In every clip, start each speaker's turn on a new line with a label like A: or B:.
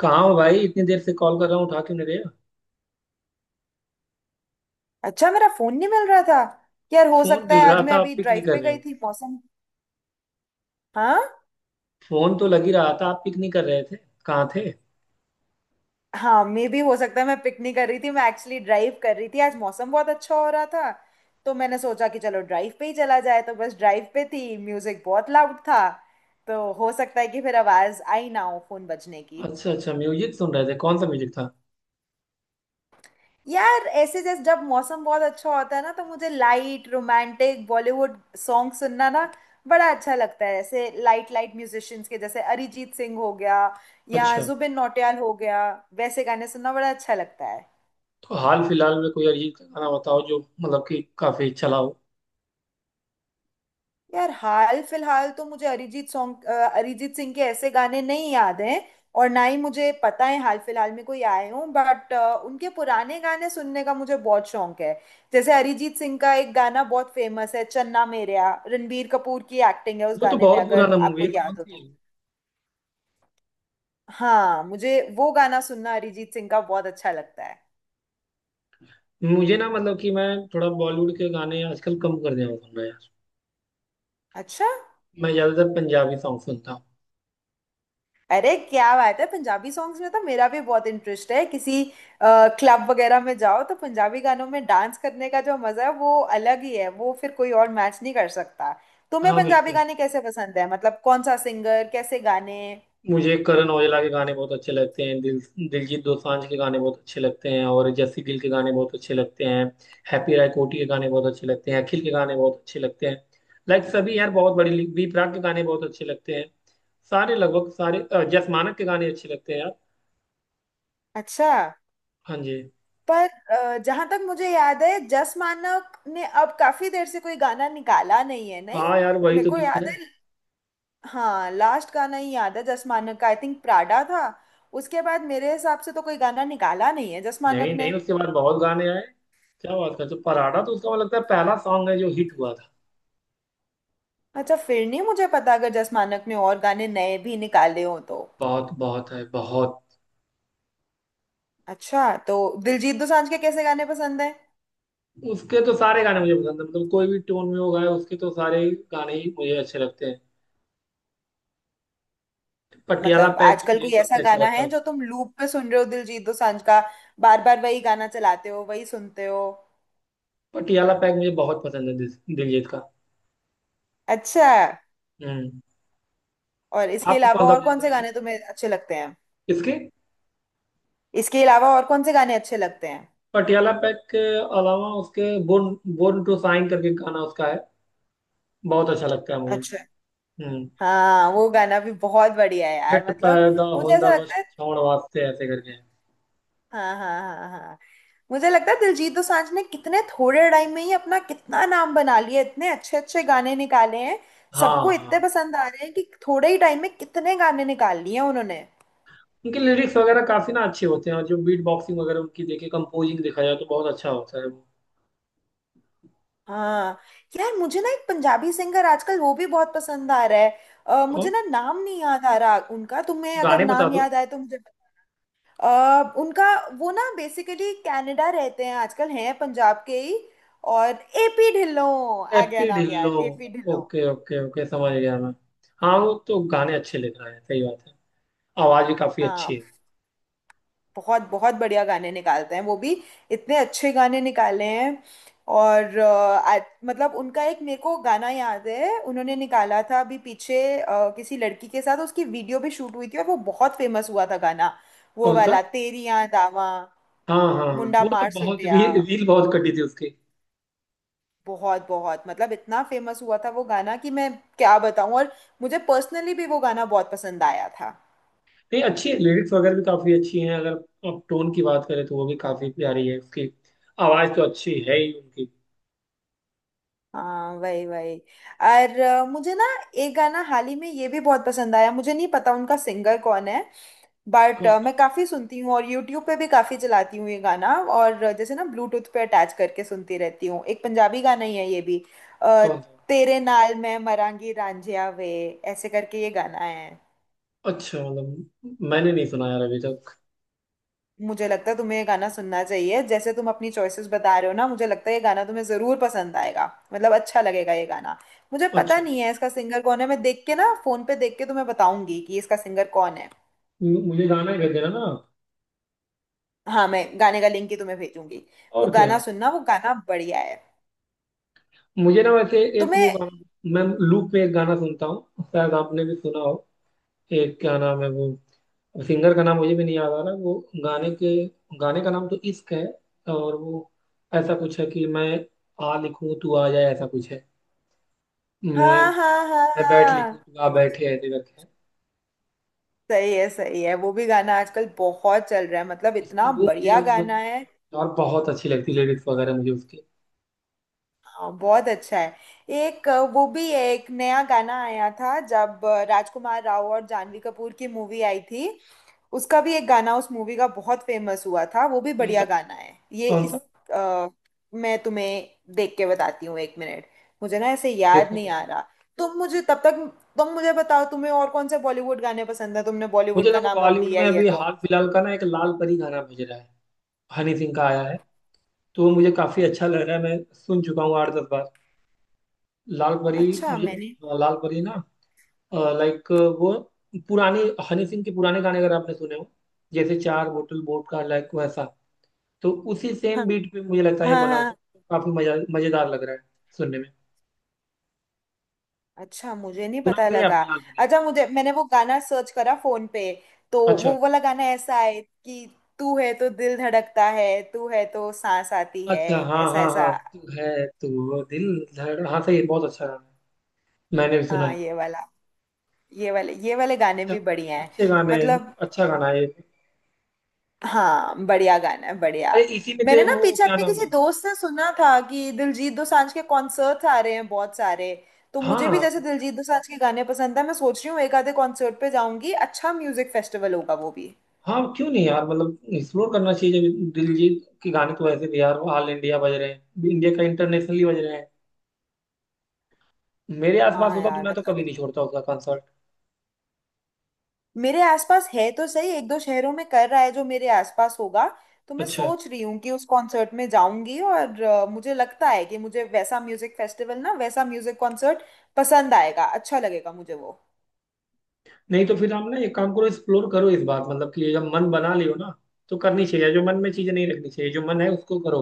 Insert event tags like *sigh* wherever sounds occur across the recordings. A: कहाँ हो भाई, इतनी देर से कॉल कर रहा हूँ, उठा क्यों नहीं रहे हो?
B: अच्छा, मेरा फोन नहीं मिल रहा था। यार हो
A: फोन
B: सकता
A: मिल
B: है
A: रहा
B: आज
A: था,
B: मैं
A: आप
B: अभी
A: पिक नहीं
B: ड्राइव
A: कर
B: पे
A: रहे
B: गई
A: हो।
B: थी। मौसम हाँ।
A: फोन तो लग ही रहा था, आप पिक नहीं कर रहे थे। कहाँ थे?
B: हाँ मे भी हो सकता है, मैं पिक नहीं कर रही थी। मैं एक्चुअली ड्राइव कर रही थी, आज मौसम बहुत अच्छा हो रहा था। तो मैंने सोचा कि चलो ड्राइव पे ही चला जाए, तो बस ड्राइव पे थी, म्यूजिक बहुत लाउड था। तो हो सकता है कि फिर आवाज आई ना हो फोन बजने की।
A: अच्छा अच्छा, म्यूजिक सुन रहे थे। कौन सा म्यूजिक था?
B: यार ऐसे जैसे जब मौसम बहुत अच्छा होता है ना, तो मुझे लाइट रोमांटिक बॉलीवुड सॉन्ग सुनना ना बड़ा अच्छा लगता है। ऐसे लाइट लाइट म्यूजिशियंस के जैसे अरिजीत सिंह हो गया या
A: अच्छा,
B: जुबिन नौटियाल हो गया। वैसे गाने सुनना बड़ा अच्छा लगता है।
A: तो हाल फिलहाल में कोई अरिजीत का गाना बताओ जो मतलब कि काफी चला हो।
B: यार हाल फिलहाल तो मुझे अरिजीत सॉन्ग अरिजीत सिंह के ऐसे गाने नहीं याद हैं। और ना ही मुझे पता है हाल फिलहाल में कोई आए हों, बट उनके पुराने गाने सुनने का मुझे बहुत शौक है। जैसे अरिजीत सिंह का एक गाना बहुत फेमस है, चन्ना मेरेया, रणबीर कपूर की एक्टिंग है उस
A: वो तो
B: गाने में,
A: बहुत
B: अगर
A: पुराना मूवी
B: आपको
A: है,
B: याद
A: कौन
B: हो
A: सी
B: तो।
A: है?
B: हाँ मुझे वो गाना सुनना अरिजीत सिंह का बहुत अच्छा लगता है।
A: मुझे ना मतलब कि मैं थोड़ा बॉलीवुड के गाने आजकल कम कर दिया हूँ सुनना यार।
B: अच्छा।
A: मैं ज्यादातर पंजाबी सॉन्ग सुनता हूँ।
B: अरे क्या बात है, पंजाबी सॉन्ग्स में तो मेरा भी बहुत इंटरेस्ट है। किसी क्लब वगैरह में जाओ तो पंजाबी गानों में डांस करने का जो मजा है वो अलग ही है, वो फिर कोई और मैच नहीं कर सकता। तुम्हें
A: हाँ
B: पंजाबी
A: बिल्कुल।
B: गाने कैसे पसंद है, मतलब कौन सा सिंगर, कैसे गाने?
A: मुझे करण औजला के गाने बहुत अच्छे लगते हैं। दिल दिलजीत दोसांझ के गाने बहुत अच्छे लगते हैं, और जस्सी गिल के गाने बहुत अच्छे लगते हैं। हैप्पी राय कोटी के गाने बहुत अच्छे लगते हैं, अखिल के गाने बहुत अच्छे लगते हैं। लाइक सभी यार, बहुत बड़ी लीग। बी प्राक के गाने बहुत अच्छे लगते हैं। सारे, लगभग सारे, जस मानक के गाने अच्छे लगते हैं यार।
B: अच्छा।
A: हाँ जी।
B: पर जहां तक मुझे याद है, जस मानक ने अब काफी देर से कोई गाना निकाला नहीं है। नहीं
A: हाँ यार, वही
B: मेरे
A: तो
B: को
A: दुख
B: याद
A: है।
B: है। हाँ लास्ट गाना ही याद है जस मानक का, आई थिंक प्राडा था। उसके बाद मेरे हिसाब से तो कोई गाना निकाला नहीं है जस
A: नहीं
B: मानक
A: नहीं,
B: ने।
A: उसके बाद बहुत गाने आए। क्या बात करते हो? पराठा तो उसका मुझे लगता है पहला सॉन्ग है जो हिट हुआ था।
B: अच्छा, फिर नहीं मुझे पता, अगर जस मानक ने और गाने नए भी निकाले हो तो।
A: बहुत बहुत है, बहुत।
B: अच्छा तो दिलजीत दोसांझ के कैसे गाने पसंद है?
A: उसके तो सारे गाने मुझे पसंद है, मतलब कोई भी टोन में वो गाए उसके तो सारे ही गाने ही मुझे अच्छे लगते हैं। पटियाला
B: मतलब
A: पैग
B: आजकल
A: मुझे
B: कोई ऐसा
A: सबसे अच्छा
B: गाना
A: लगता है
B: है जो
A: उसका।
B: तुम लूप पे सुन रहे हो दिलजीत दोसांझ का, बार बार वही गाना चलाते हो, वही सुनते हो?
A: पटियाला पैग मुझे बहुत पसंद है दिलजीत का।
B: अच्छा।
A: हम्म।
B: और इसके
A: आपको
B: अलावा
A: कौन सा
B: और
A: पसंद
B: कौन से
A: है?
B: गाने तुम्हें अच्छे लगते हैं?
A: इसके
B: इसके अलावा और कौन से गाने अच्छे लगते हैं?
A: पटियाला पैग के अलावा उसके बोर्न बोर्न टू शाइन करके गाना उसका है, बहुत अच्छा लगता है मुझे।
B: अच्छा।
A: हम्म।
B: हाँ वो गाना भी बहुत बढ़िया है यार,
A: जट
B: मतलब
A: पैदा
B: मुझे
A: होंदा
B: ऐसा
A: बस
B: लगता है।
A: छौड़ वास्ते ऐसे करके है।
B: हाँ हाँ हाँ हाँ। मुझे लगता है दिलजीत दोसांझ ने कितने थोड़े टाइम में ही अपना कितना नाम बना लिया, इतने अच्छे अच्छे गाने निकाले हैं,
A: हाँ
B: सबको
A: हाँ,
B: इतने पसंद आ रहे हैं कि थोड़े ही टाइम में कितने गाने निकाल लिए हैं उन्होंने।
A: उनके लिरिक्स वगैरह काफी ना अच्छे होते हैं, और जो बीट बॉक्सिंग वगैरह उनकी देखे, कंपोजिंग देखा जाए तो बहुत अच्छा होता है वो।
B: हाँ यार, मुझे ना एक पंजाबी सिंगर आजकल वो भी बहुत पसंद आ रहा है। मुझे
A: कौन?
B: ना नाम नहीं याद आ रहा उनका, तुम्हें अगर
A: गाने बता
B: नाम
A: दो।
B: याद आए तो मुझे। उनका वो ना बेसिकली कनाडा रहते हैं आजकल, हैं पंजाब के ही। और एपी ढिल्लों, आ गया
A: हैप्पी
B: नाम
A: ढिल्लो।
B: याद, AP Dhillon.
A: Okay okay okay, समझ गया मैं। हाँ वो तो गाने अच्छे लिख रहा है, सही बात है। आवाज भी काफी अच्छी
B: हाँ
A: है।
B: बहुत बहुत बढ़िया गाने निकालते हैं वो भी, इतने अच्छे गाने निकाले हैं। और मतलब उनका एक मेरे को गाना याद है, उन्होंने निकाला था अभी पीछे, किसी लड़की के साथ उसकी वीडियो भी शूट हुई थी और वो बहुत फेमस हुआ था गाना। वो
A: कौन सा?
B: वाला तेरी याद आवा,
A: हाँ हाँ हाँ,
B: मुंडा
A: वो तो
B: मार
A: बहुत
B: सुटिया,
A: रील रील बहुत कटी थी उसकी।
B: बहुत बहुत मतलब इतना फेमस हुआ था वो गाना कि मैं क्या बताऊं। और मुझे पर्सनली भी वो गाना बहुत पसंद आया था।
A: नहीं अच्छी है, लिरिक्स वगैरह भी काफी अच्छी हैं। अगर आप टोन की बात करें तो वो भी काफी प्यारी है उसकी। आवाज तो अच्छी है ही उनकी।
B: हाँ वही वही। और मुझे ना एक गाना हाल ही में ये भी बहुत पसंद आया। मुझे नहीं पता उनका सिंगर कौन है, बट
A: कौन सा?
B: मैं काफी सुनती हूँ और यूट्यूब पे भी काफी चलाती हूँ ये गाना, और जैसे ना ब्लूटूथ पे अटैच करके सुनती रहती हूँ। एक पंजाबी गाना ही है ये भी। अ,
A: कौन सा?
B: तेरे नाल मैं मरांगी रांझिया वे, ऐसे करके ये गाना है।
A: अच्छा, मतलब मैंने नहीं सुना यार अभी तक।
B: मुझे लगता है तुम्हें ये गाना सुनना चाहिए, जैसे तुम अपनी चॉइसेस बता रहे हो ना, मुझे लगता है ये गाना तुम्हें जरूर पसंद आएगा, मतलब अच्छा लगेगा ये गाना। मुझे पता
A: अच्छा,
B: नहीं है इसका सिंगर कौन है, मैं देख के ना फोन पे देख के तुम्हें बताऊंगी कि इसका सिंगर कौन है।
A: मुझे गाना ही भेज देना ना।
B: हाँ मैं गाने का लिंक ही तुम्हें भेजूंगी। वो
A: और क्या?
B: गाना सुनना, वो गाना बढ़िया है।
A: मुझे ना वैसे एक वो
B: तुम्हें।
A: गाना, मैं लूप में एक गाना सुनता हूँ, शायद आपने भी सुना हो। एक क्या नाम है वो? सिंगर का नाम मुझे भी नहीं याद आ रहा, वो गाने के, गाने का नाम तो इश्क है। और वो ऐसा कुछ है कि मैं आ लिखूं तू आ जाए, ऐसा कुछ है। मैं
B: हाँ हाँ हाँ
A: मैं बैठ लिखूं
B: हाँ।
A: तू आ बैठे ऐसे करके है।
B: सही है सही है, वो भी गाना आजकल बहुत चल रहा है, मतलब इतना
A: उसकी वो मुझे
B: बढ़िया गाना
A: मतलब,
B: है।
A: और बहुत अच्छी लगती लिरिक्स वगैरह मुझे उसके।
B: हाँ बहुत अच्छा है। एक वो भी है, एक नया गाना आया था जब राजकुमार राव और जानवी कपूर की मूवी आई थी, उसका भी एक गाना उस मूवी का बहुत फेमस हुआ था, वो भी
A: कौन
B: बढ़िया
A: सा?
B: गाना है ये
A: कौन सा?
B: इस। अ, मैं तुम्हें देख के बताती हूँ एक मिनट। मुझे ना ऐसे याद
A: देखो
B: नहीं आ
A: देखो।
B: रहा। तुम मुझे तब तक, तुम मुझे बताओ तुम्हें और कौन से बॉलीवुड गाने पसंद है, तुमने बॉलीवुड
A: मुझे
B: का
A: देखो
B: नाम अब
A: बॉलीवुड
B: लिया
A: में
B: ही है
A: अभी
B: तो।
A: हाल फिलहाल का ना, एक लाल परी गाना बज रहा है, हनी सिंह का आया है। तो वो मुझे काफी अच्छा लग रहा है, मैं सुन चुका हूँ आठ दस बार। लाल परी।
B: अच्छा,
A: मुझे
B: मैंने।
A: हाँ, लाल परी ना, लाइक वो पुराने, हनी सिंह के पुराने गाने अगर आपने सुने हो, जैसे चार बोतल वोट का लाइक वैसा, तो उसी सेम
B: हाँ
A: बीट पे मुझे लगता है ये
B: हाँ
A: बना हुआ है,
B: हाँ।
A: तो काफी मजा, मजेदार लग रहा है सुनने में।
B: अच्छा, मुझे नहीं
A: सुना
B: पता
A: कि नहीं
B: लगा।
A: आपने लाल परी?
B: अच्छा, मुझे मैंने वो गाना सर्च करा फोन पे, तो
A: अच्छा।
B: वो वाला गाना ऐसा है कि तू है तो दिल धड़कता है, तू है तो सांस आती है,
A: अच्छा हाँ
B: ऐसा
A: हाँ
B: ऐसा।
A: हाँ, तू है। तू, वो दिल धड़, हाँ, सही है, बहुत अच्छा गाना है, मैंने भी सुना
B: हाँ
A: है।
B: ये वाला, ये वाले गाने
A: अच्छा।
B: भी बढ़िया हैं।
A: अच्छे गाने हैं,
B: मतलब
A: अच्छा गाना है ये।
B: हाँ बढ़िया गाना है, बढ़िया।
A: अरे इसी में तो
B: मैंने
A: एक
B: ना
A: वो
B: पीछे
A: क्या
B: अपने
A: नाम
B: किसी
A: है।
B: दोस्त से सुना था कि दिलजीत दोसांझ के कॉन्सर्ट्स आ रहे हैं बहुत सारे। तो मुझे भी,
A: हाँ
B: जैसे दिलजीत दोसांझ के गाने पसंद है, मैं सोच रही हूँ एक आधे कॉन्सर्ट पे जाऊंगी, अच्छा म्यूजिक फेस्टिवल होगा वो भी।
A: हाँ, क्यों नहीं यार, मतलब एक्सप्लोर करना चाहिए। जब दिलजीत के गाने तो वैसे भी यार ऑल इंडिया बज रहे हैं, इंडिया का, इंटरनेशनली बज रहे हैं। मेरे आसपास
B: हाँ
A: होता तो
B: यार
A: मैं तो
B: मतलब
A: कभी नहीं छोड़ता उसका कंसर्ट।
B: मेरे आसपास है तो सही, एक दो शहरों में कर रहा है, जो मेरे आसपास होगा तो मैं
A: अच्छा,
B: सोच रही हूँ कि उस कॉन्सर्ट में जाऊंगी। और मुझे लगता है कि मुझे वैसा म्यूजिक फेस्टिवल ना, वैसा म्यूजिक कॉन्सर्ट पसंद आएगा, अच्छा लगेगा मुझे वो।
A: नहीं तो फिर आप ना एक काम करो, एक्सप्लोर करो इस बार। मतलब कि जब मन बना लियो ना तो करनी चाहिए। जो मन में चीजें नहीं रखनी चाहिए, जो मन है उसको करो।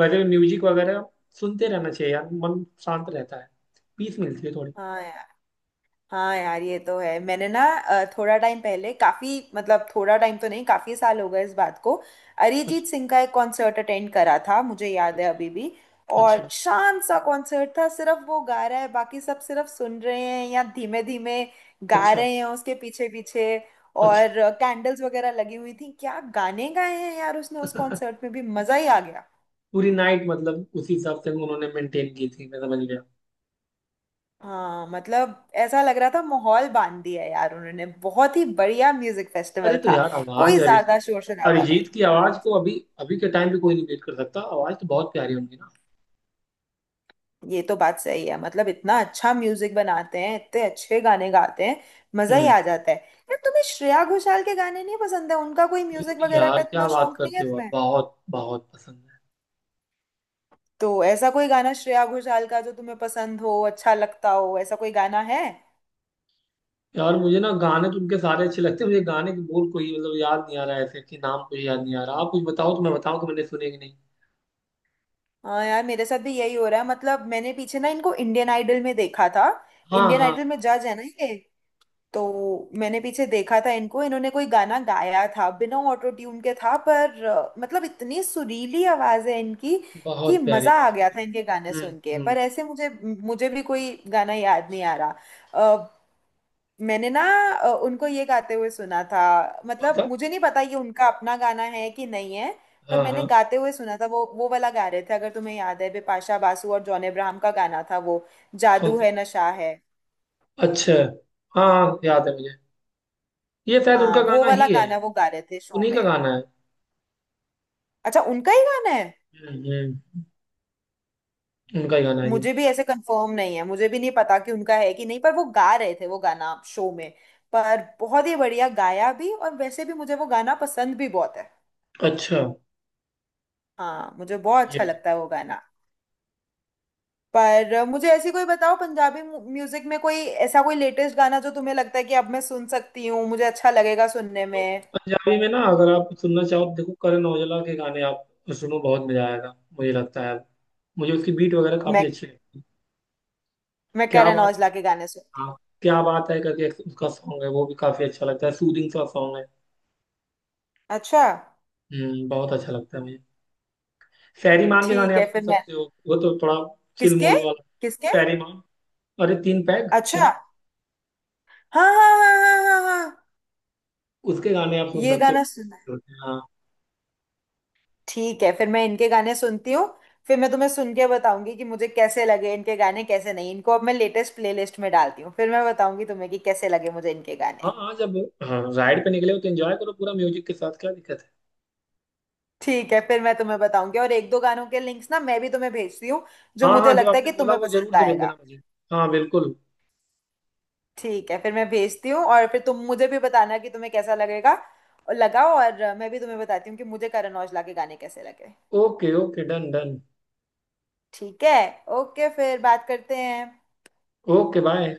A: वैसे भी म्यूजिक वगैरह सुनते रहना चाहिए यार, मन शांत रहता है, पीस मिलती है थोड़ी।
B: हाँ। हाँ यार ये तो है। मैंने ना थोड़ा टाइम पहले, काफी मतलब थोड़ा टाइम तो नहीं, काफी साल हो गए इस बात को, अरिजीत
A: अच्छा।
B: सिंह का एक कॉन्सर्ट अटेंड करा था, मुझे याद है
A: अच्छा।
B: अभी भी।
A: अच्छा।
B: और शांत सा कॉन्सर्ट था, सिर्फ वो गा रहा है, बाकी सब सिर्फ सुन रहे हैं या धीमे धीमे गा
A: अच्छा।
B: रहे हैं उसके पीछे पीछे।
A: अच्छा।
B: और कैंडल्स वगैरह लगी हुई थी, क्या गाने गाए हैं यार उसने उस कॉन्सर्ट में, भी मजा ही आ गया।
A: *laughs* पूरी नाइट मतलब उसी हिसाब से उन्होंने मेंटेन की थी, मैं समझ गया।
B: हाँ मतलब ऐसा लग रहा था माहौल बांध दिया है यार उन्होंने, बहुत ही बढ़िया म्यूजिक
A: अरे
B: फेस्टिवल
A: तो
B: था।
A: यार, आवाज
B: कोई ज्यादा
A: अरिजीत,
B: शोर शराबा
A: अरिजीत
B: नहीं।
A: की आवाज को अभी, अभी के टाइम पे कोई नहीं बीट कर सकता। आवाज तो बहुत प्यारी होंगी ना।
B: ये तो बात सही है, मतलब इतना अच्छा म्यूजिक बनाते हैं, इतने अच्छे गाने गाते हैं, मजा ही
A: हम्म।
B: आ जाता है। यार तुम्हें श्रेया घोषाल के गाने नहीं पसंद है? उनका कोई
A: क्यों
B: म्यूजिक
A: नहीं
B: वगैरह का
A: यार, क्या
B: इतना
A: बात
B: शौक नहीं है
A: करते हो आप,
B: तुम्हें?
A: बहुत बहुत पसंद है।
B: तो ऐसा कोई गाना श्रेया घोषाल का जो तुम्हें पसंद हो, अच्छा लगता हो, ऐसा कोई गाना है?
A: यार मुझे ना गाने तो उनके सारे अच्छे लगते हैं, मुझे गाने के बोल कोई मतलब याद नहीं आ रहा है ऐसे, कि नाम कोई याद नहीं आ रहा। आप कुछ बताओ तो मैं बताऊं कि मैंने सुने कि नहीं।
B: हाँ यार मेरे साथ भी यही हो रहा है। मतलब मैंने पीछे ना इनको इंडियन आइडल में देखा था।
A: हाँ
B: इंडियन
A: हाँ
B: आइडल में
A: हाँ।
B: जज है ना ये, तो मैंने पीछे देखा था इनको। इन्होंने कोई गाना गाया था बिना ऑटो ट्यून के था, पर मतलब इतनी सुरीली आवाज है इनकी कि
A: बहुत प्यारी,
B: मजा आ
A: बहुत
B: गया था इनके गाने
A: प्यारी।
B: सुन के। पर
A: हम्म।
B: ऐसे मुझे मुझे भी कोई गाना याद नहीं आ रहा। अ, मैंने ना उनको ये गाते हुए सुना था,
A: कौन
B: मतलब
A: सा?
B: मुझे नहीं पता ये उनका अपना गाना है कि नहीं है। पर
A: हाँ
B: मैंने
A: हाँ।
B: गाते हुए सुना था। वो वाला गा रहे थे, अगर तुम्हें याद है, बिपाशा बासु और जॉन अब्राहम का गाना था वो,
A: कौन
B: जादू
A: सा?
B: है नशा है।
A: अच्छा। हाँ हाँ, याद है मुझे। ये शायद
B: हाँ
A: उनका
B: वो
A: गाना
B: वाला
A: ही है।
B: गाना वो गा रहे थे शो
A: उन्हीं का
B: में।
A: गाना है।
B: अच्छा, उनका ही गाना है।
A: हम्म। उनका ही गाना है ये।
B: मुझे भी ऐसे कंफर्म नहीं है, मुझे भी नहीं पता कि उनका है कि नहीं, पर वो गा रहे थे वो गाना शो में। पर बहुत ही बढ़िया गाया भी, और वैसे भी मुझे वो गाना पसंद भी बहुत है।
A: अच्छा।
B: हाँ मुझे बहुत अच्छा
A: ये,
B: लगता है वो गाना। पर मुझे ऐसी कोई बताओ पंजाबी म्यूजिक में कोई, ऐसा कोई लेटेस्ट गाना जो तुम्हें लगता है कि अब मैं सुन सकती हूँ, मुझे अच्छा लगेगा सुनने
A: तो
B: में।
A: पंजाबी में ना अगर आप सुनना चाहो तो देखो, करण औजला के गाने आप सुनो, बहुत मजा आएगा। मुझे लगता है मुझे उसकी बीट वगैरह काफी
B: मैं
A: अच्छी लगती है।
B: मैं
A: क्या
B: करण
A: बात
B: औजला
A: है।
B: के गाने सुनती हूँ।
A: हाँ। क्या बात है करके एक उसका सॉन्ग है, वो भी काफी अच्छा लगता है, सूदिंग सा सॉन्ग है।
B: अच्छा
A: हम्म, बहुत अच्छा लगता है मुझे। फैरी मान के गाने
B: ठीक
A: आप
B: है,
A: सुन
B: फिर मैं।
A: सकते हो, वो तो थोड़ा चिल
B: किसके?
A: मूड वाला।
B: किसके?
A: फैरी मान। अरे तीन पैग
B: अच्छा।
A: सुने।
B: हाँ हाँ हाँ हाँ हाँ हाँ।
A: उसके गाने आप सुन
B: ये
A: सकते
B: गाना।
A: हो। हाँ
B: ठीक है फिर मैं इनके गाने सुनती हूँ। फिर मैं तुम्हें सुन के बताऊंगी कि मुझे कैसे लगे इनके गाने, कैसे नहीं। इनको अब मैं लेटेस्ट प्लेलिस्ट में डालती हूँ, फिर मैं बताऊंगी तुम्हें कि कैसे लगे मुझे इनके
A: हाँ
B: गाने।
A: हाँ, जब, हाँ राइड पे निकले हो तो एंजॉय करो पूरा म्यूजिक के साथ, क्या दिक्कत है।
B: ठीक है फिर मैं तुम्हें बताऊंगी, और एक दो गानों के लिंक्स ना मैं भी तुम्हें भेजती हूँ जो
A: हाँ हाँ,
B: मुझे
A: जो
B: लगता है
A: आपने
B: कि
A: बोला
B: तुम्हें
A: वो जरूर
B: पसंद
A: से भेज
B: आएगा।
A: देना मुझे। हाँ बिल्कुल।
B: ठीक है फिर मैं भेजती हूँ, और फिर तुम मुझे भी बताना कि तुम्हें कैसा लगेगा और लगा, और मैं भी तुम्हें बताती हूँ कि मुझे करण औजला के गाने कैसे लगे।
A: Okay okay, done done.
B: ठीक है। ओके फिर बात करते हैं।
A: Okay bye.